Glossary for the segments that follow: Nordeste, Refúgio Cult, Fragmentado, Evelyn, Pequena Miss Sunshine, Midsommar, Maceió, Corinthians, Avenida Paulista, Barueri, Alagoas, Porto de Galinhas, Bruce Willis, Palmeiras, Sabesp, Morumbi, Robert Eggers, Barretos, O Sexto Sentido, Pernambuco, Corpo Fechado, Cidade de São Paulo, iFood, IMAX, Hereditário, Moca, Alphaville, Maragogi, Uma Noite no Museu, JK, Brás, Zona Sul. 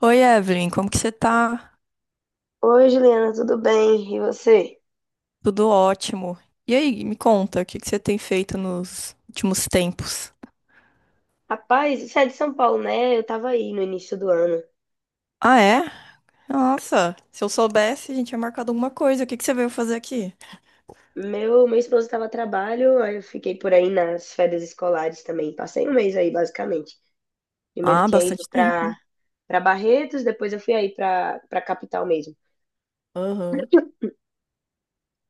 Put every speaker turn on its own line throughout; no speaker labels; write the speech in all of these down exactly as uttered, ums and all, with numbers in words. Oi, Evelyn, como que você tá?
Oi, Juliana, tudo bem? E você?
Tudo ótimo. E aí, me conta, o que que você tem feito nos últimos tempos?
Rapaz, você é de São Paulo, né? Eu tava aí no início do ano.
Ah, é? Nossa, se eu soubesse, a gente tinha marcado alguma coisa. O que que você veio fazer aqui?
Meu, meu esposo estava a trabalho, aí eu fiquei por aí nas férias escolares também. Passei um mês aí, basicamente. Primeiro eu
Ah,
tinha
bastante
ido pra,
tempo.
pra Barretos, depois eu fui aí pra, pra capital mesmo.
Aham.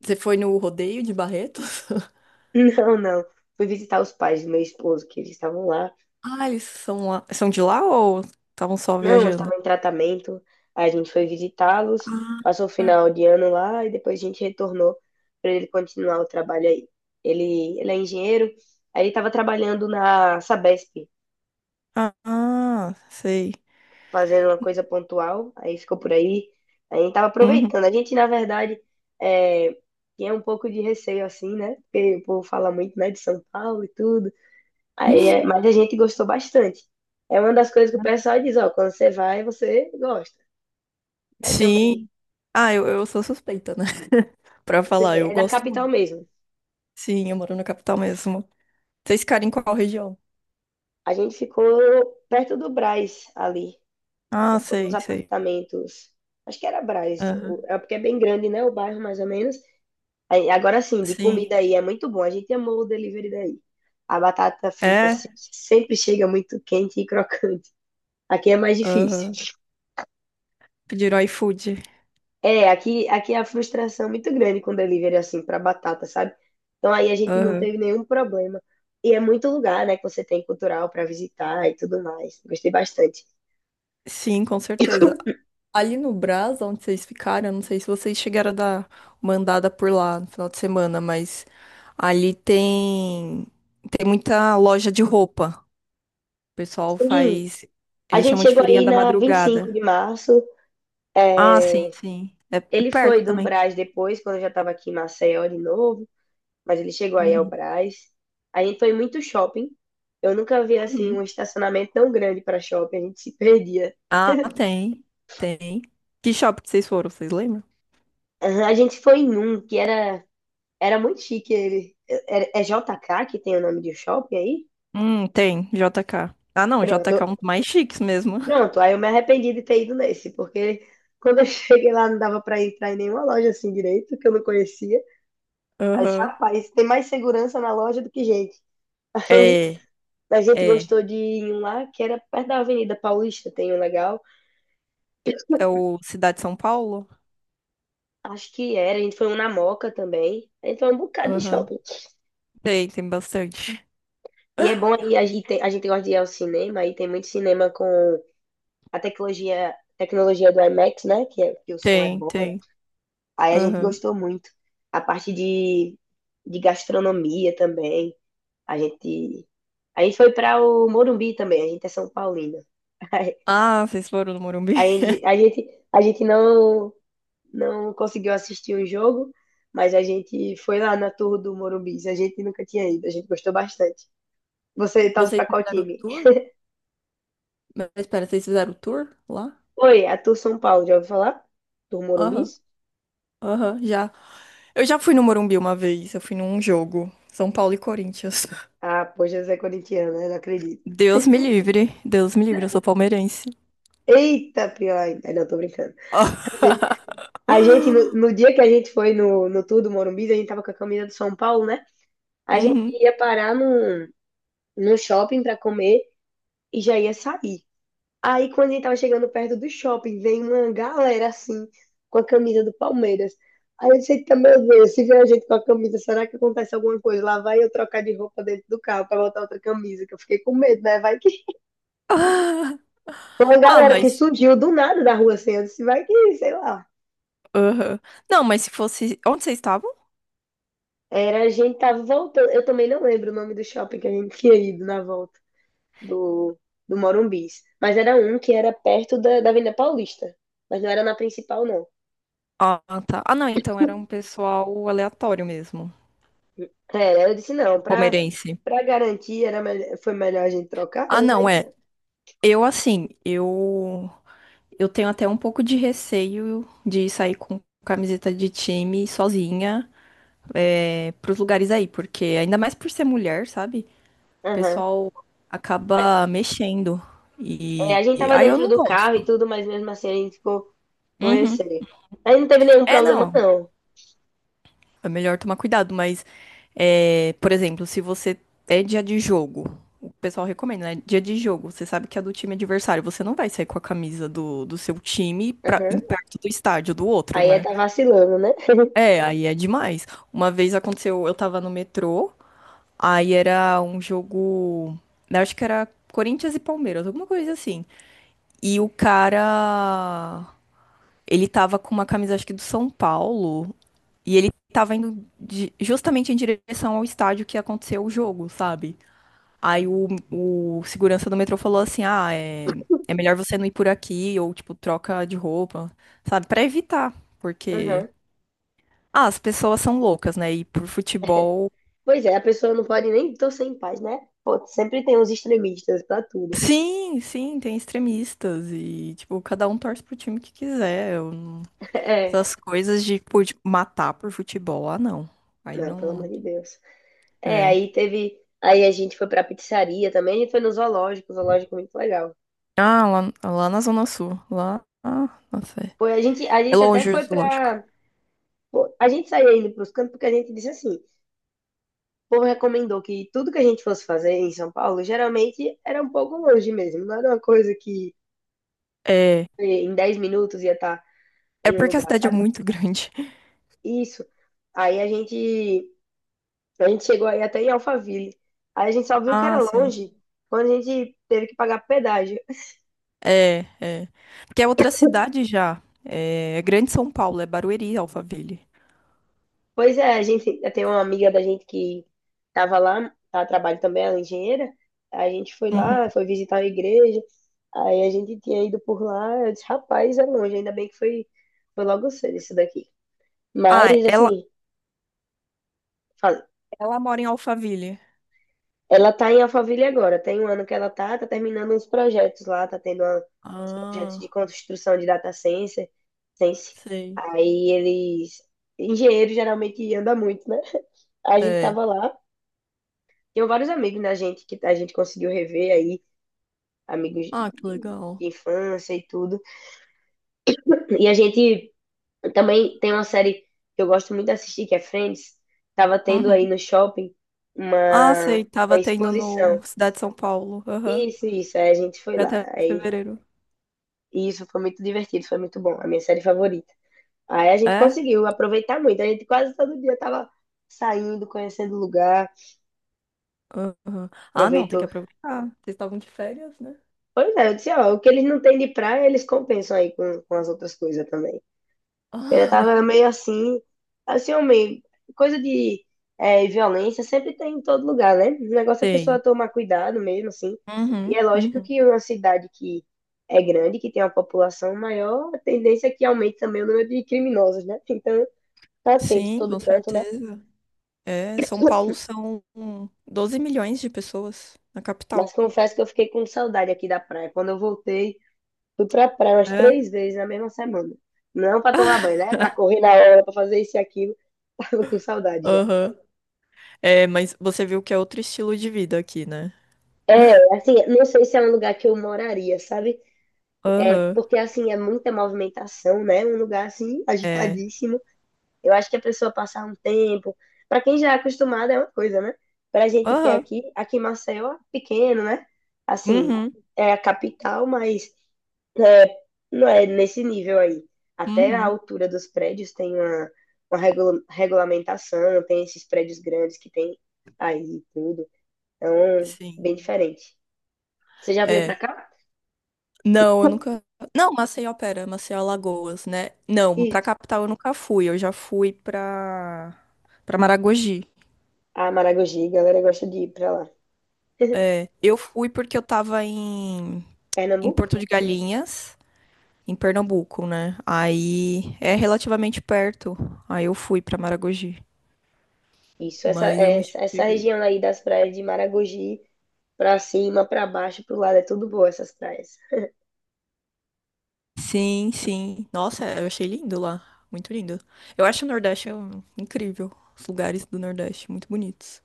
Você foi no rodeio de Barretos?
Não, não. Fui visitar os pais do meu esposo, que eles estavam lá.
Ah, eles são lá, são de lá ou estavam só
Não, eu
viajando?
estava em tratamento, a gente foi visitá-los,
Ah,
passou o final de ano lá e depois a gente retornou para ele continuar o trabalho aí. Ele, ele é engenheiro, aí ele estava trabalhando na Sabesp,
ah, ah, sei.
fazendo uma coisa pontual, aí ficou por aí, aí a gente estava
Uhum.
aproveitando. A gente, na verdade, é, tinha um pouco de receio assim, né? Porque o povo fala muito, né, de São Paulo e tudo, aí, é- mas a gente gostou bastante. É uma das coisas que o pessoal diz, ó, quando você vai, você gosta né? Também
Sim. Ah, eu, eu sou suspeita, né? Pra
Você-
falar, eu
É da
gosto
capital
muito.
mesmo.
Sim, eu moro na capital mesmo. Vocês ficaram em qual região?
A gente ficou perto do Brás ali. Aí
Ah,
ficou nos
sei, sei.
apartamentos. Acho que era Brás. o-
Aham.
É porque é bem grande, né? O bairro, mais ou menos. Aí, agora sim, de
Sim.
comida aí é muito bom. A gente amou o delivery daí. A batata frita se-
É?
sempre chega muito quente e crocante. Aqui é mais difícil.
Aham. Pediram iFood.
É, aqui, aqui é a frustração é muito grande com delivery assim para batata, sabe? Então aí a gente não teve
Aham.
nenhum problema. E é muito lugar, né, que você tem cultural para visitar e tudo mais. Gostei bastante.
Sim, com certeza. Ali no Brás, onde vocês ficaram, eu não sei se vocês chegaram a dar uma andada por lá no final de semana, mas ali tem tem muita loja de roupa. O pessoal
Sim,
faz,
a
eles
gente
chamam de
chegou
feirinha
aí
da
na vinte e cinco
madrugada.
de março.
Ah, sim,
é,
sim. É, é
Ele foi
perto
do
também.
Brás depois, quando eu já estava aqui em Maceió de novo, mas ele chegou aí ao
Uhum.
Brás. A gente foi muito shopping. Eu nunca vi assim um
Uhum.
estacionamento tão grande para shopping, a gente se perdia.
Ah, tem. Tem. Que shopping que vocês foram, vocês lembram?
Aham, a gente foi em um que era, era muito chique ele. É, é J K que tem o nome de shopping aí?
Hum, tem, J K. Ah, não, J K é
Pronto,
um dos mais chiques mesmo.
pronto. Aí eu me arrependi de ter ido nesse, porque quando eu cheguei lá não dava para entrar em nenhuma loja assim direito, que eu não conhecia. Aí,
Aham.
rapaz, tem mais segurança na loja do que gente.
É,
Aí a gente
é.
gostou de ir em um lá que era perto da Avenida Paulista, tem um legal.
É o Cidade de São Paulo?
Acho que era, a gente foi um na Moca também. A gente foi um bocado de
Aham.
shopping.
Tem, tem bastante.
E é bom aí, a gente, tem- a gente gosta de ir ao cinema, aí tem muito cinema com a tecnologia, tecnologia do IMAX, né? Que, é- que o som é
Tem,
bom.
tem.
Aí a gente
Aham.
gostou muito. A parte de, de gastronomia também. A gente, a gente foi para o Morumbi também, a gente é São Paulino.
Ah, vocês foram no Morumbi?
Aí a gente, a gente não, não conseguiu assistir o jogo, mas a gente foi lá na Tour do Morumbi. A gente nunca tinha ido, a gente gostou bastante. Você torce
Vocês
pra qual
fizeram o
time?
tour? Mas espera, vocês fizeram o tour lá?
Oi, a Tour São Paulo, já ouviu falar? Tour Morumbi?
Aham, aham, já. Eu já fui no Morumbi uma vez, eu fui num jogo. São Paulo e Corinthians.
Ah, poxa, você é corintiano, né? Não acredito.
Deus me livre, Deus me livre, eu sou palmeirense.
Eita, pior ainda. Ai, Não, tô brincando. A gente, a gente, no, no dia que a gente foi no, no tour do Morumbi, a gente tava com a camisa do São Paulo, né? A gente
Uhum.
ia parar num, num shopping pra comer e já ia sair. Aí, quando a gente tava chegando perto do shopping, vem uma galera assim, com a camisa do Palmeiras. Aí eu disse, "Eita, meu Deus, se vier a gente com a camisa, será que acontece alguma coisa? Lá vai eu trocar de roupa dentro do carro pra botar outra camisa, que eu fiquei com medo, né? Vai que." Uma
Ah,
galera que
mas.
surgiu do nada da rua assim, eu disse, vai que, sei lá.
Aham. Não, mas se fosse. Onde vocês estavam?
Era, a gente tava voltando. Eu também não lembro o nome do shopping que a gente tinha ido na volta do, do Morumbis. Mas era um que era perto da, da Avenida Paulista. Mas não era na principal, não.
Ah, tá. Ah, não, então era um pessoal aleatório mesmo,
É, eu disse, não,
o
pra,
palmeirense.
pra garantir era melhor, foi melhor a gente trocar,
Ah,
né? Vai...
não, é. Eu, assim, eu. Eu tenho até um pouco de receio de sair com camiseta de time sozinha, é, pros lugares aí, porque ainda mais por ser mulher, sabe? O
Aham.
pessoal acaba mexendo.
É,
E.
a gente
e
tava
aí eu
dentro
não
do carro e
gosto.
tudo, mas mesmo assim a gente ficou com
Uhum.
receio. Aí não teve nenhum
É,
problema,
não.
não.
É melhor tomar cuidado, mas, é, por exemplo, se você é dia de jogo, o pessoal recomenda, né? Dia de jogo, você sabe que é do time adversário, você não vai sair com a camisa do, do seu time pra, em
Aham.
perto do estádio do outro,
Aí é
né?
tá vacilando, né?
É, aí é demais. Uma vez aconteceu, eu tava no metrô, aí era um jogo, eu acho que era Corinthians e Palmeiras, alguma coisa assim. E o cara, ele tava com uma camisa, acho que do São Paulo, e ele tava indo de- justamente em direção ao estádio que aconteceu o jogo, sabe? Aí o, o segurança do metrô falou assim: ah, é, é melhor você não ir por aqui, ou tipo, troca de roupa, sabe? Pra evitar, porque.
Aham.
Ah, as pessoas são loucas, né? E por futebol.
Pois é, a pessoa não pode nem torcer em paz, né? Pô, sempre tem uns extremistas pra tudo.
Sim, sim, tem extremistas e, tipo, cada um torce pro time que quiser. Eu não-
É.
Essas coisas de, tipo, de matar por futebol, ah, não. Aí
Não, pelo amor
não.
de Deus. É,
É.
aí teve. Aí a gente foi pra pizzaria também, a gente foi no zoológico, o zoológico é muito legal.
Ah, lá, lá na Zona Sul. Lá. Ah, nossa.
Foi, a gente, a
É
gente até
longe o
foi
zoológico.
pra Pô, a gente saía indo para os cantos porque a gente disse assim, o povo recomendou que tudo que a gente fosse fazer em São Paulo, geralmente era um pouco longe mesmo, não era uma coisa que
É.
eh, em dez minutos ia estar
É
em um
porque a
lugar,
cidade é
sabe?
muito grande.
Isso. Aí a gente, a gente chegou aí até em Alphaville. Aí a gente só viu que era
Ah, sei.
longe quando a gente teve que pagar pedágio.
É, é. Porque é outra cidade já. É Grande São Paulo, é Barueri, Alphaville.
Pois é, a gente, eu tenho uma amiga da gente que estava lá, ela trabalha também, ela é engenheira. A gente foi
Uhum.
lá, foi visitar a igreja. Aí a gente tinha ido por lá. Eu disse, rapaz, é longe, ainda bem que foi, foi logo cedo isso daqui.
Ah,
Mas,
ela,
assim, fala-
ela mora em Alphaville.
ela tá em Alphaville agora. Tem um ano que ela tá, tá terminando uns projetos lá, tá tendo uma- uns projetos de
Ah,
construção de data science. science.
sei.
Aí eles, engenheiro geralmente anda muito, né? A gente
É.
tava lá. Tenho vários amigos da gente que a gente conseguiu rever aí, amigos
Ah, que
de
legal.
de infância e tudo. E a gente também tem uma série que eu gosto muito de assistir, que é Friends. Tava tendo aí
Uhum.
no shopping
Ah,
uma,
sei.
uma
Tava tendo
exposição.
no Cidade de São Paulo. Aham.
Isso, isso. Aí a gente foi
Vai
lá.
até
Aí,
fevereiro.
e isso foi muito divertido, foi muito bom. A minha série favorita. Aí a gente
É?
conseguiu aproveitar muito. A gente quase todo dia tava saindo, conhecendo o lugar,
Aham. Ah, não, tem que
aproveitou.
aproveitar. Vocês estavam de férias, né?
Pois é, eu disse, ó, o que eles não têm de praia, eles compensam aí com, com as outras coisas também. Ele
Ah,
tava meio assim, assim, homem, coisa de é, violência sempre tem em todo lugar, né? O negócio é a
tem.
pessoa tomar cuidado mesmo, assim. E
Uhum,
é lógico
uhum.
que uma cidade que é grande, que tem uma população maior, a tendência é que aumente também o número de criminosos, né? Então, tá atento em
Sim,
todo
com
canto, né?
certeza. É, São Paulo são doze milhões de pessoas na
Mas
capital.
confesso que eu fiquei com saudade aqui da praia. Quando eu voltei, fui pra praia umas
É,
três vezes na mesma semana. Não pra tomar banho, né? Pra correr na hora, pra fazer isso e aquilo. Tava com saudade já.
aham. É, mas você viu que é outro estilo de vida aqui, né?
É, assim, não sei se é um lugar que eu moraria, sabe? É
Aham,
porque assim é muita movimentação, né? Um lugar assim
é.
agitadíssimo. Eu acho que a pessoa passar um tempo, para quem já é acostumado é uma coisa, né? Pra gente que é
Aham.
aqui, aqui em Maceió é pequeno, né? Assim,
Uhum,
é a capital, mas é, não é nesse nível aí. Até a
uhum.
altura dos prédios tem uma, uma regula- regulamentação, tem esses prédios grandes que tem aí e tudo. Então, bem
Sim.
diferente. Você já veio pra
É.
cá?
Não, eu nunca. Não, Maceió, pera, Maceió Alagoas, né? Não, pra
Isso.
capital eu nunca fui. Eu já fui pra. Pra Maragogi.
Ah, Maragogi, a galera gosta de ir pra lá.
É. Eu fui porque eu tava em, em
Pernambuco?
Porto de Galinhas, em Pernambuco, né? Aí é relativamente perto. Aí eu fui pra Maragogi,
Isso, essa,
mas eu não
essa, essa
cheguei.
região aí das praias de Maragogi, pra cima, pra baixo, pro lado, é tudo boa essas praias.
Sim, sim. Nossa, eu achei lindo lá. Muito lindo. Eu acho o Nordeste hum, incrível. Os lugares do Nordeste, muito bonitos.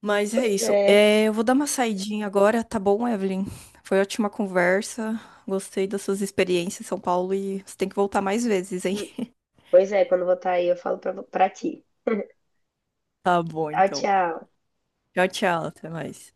Mas é isso.
É,
É, eu vou dar uma saidinha agora, tá bom, Evelyn? Foi ótima conversa. Gostei das suas experiências em São Paulo e você tem que voltar mais vezes, hein?
pois é, quando eu voltar aí eu falo pra, pra ti.
Tá bom,
Tchau,
então.
tchau.
Tchau, tchau. Até mais.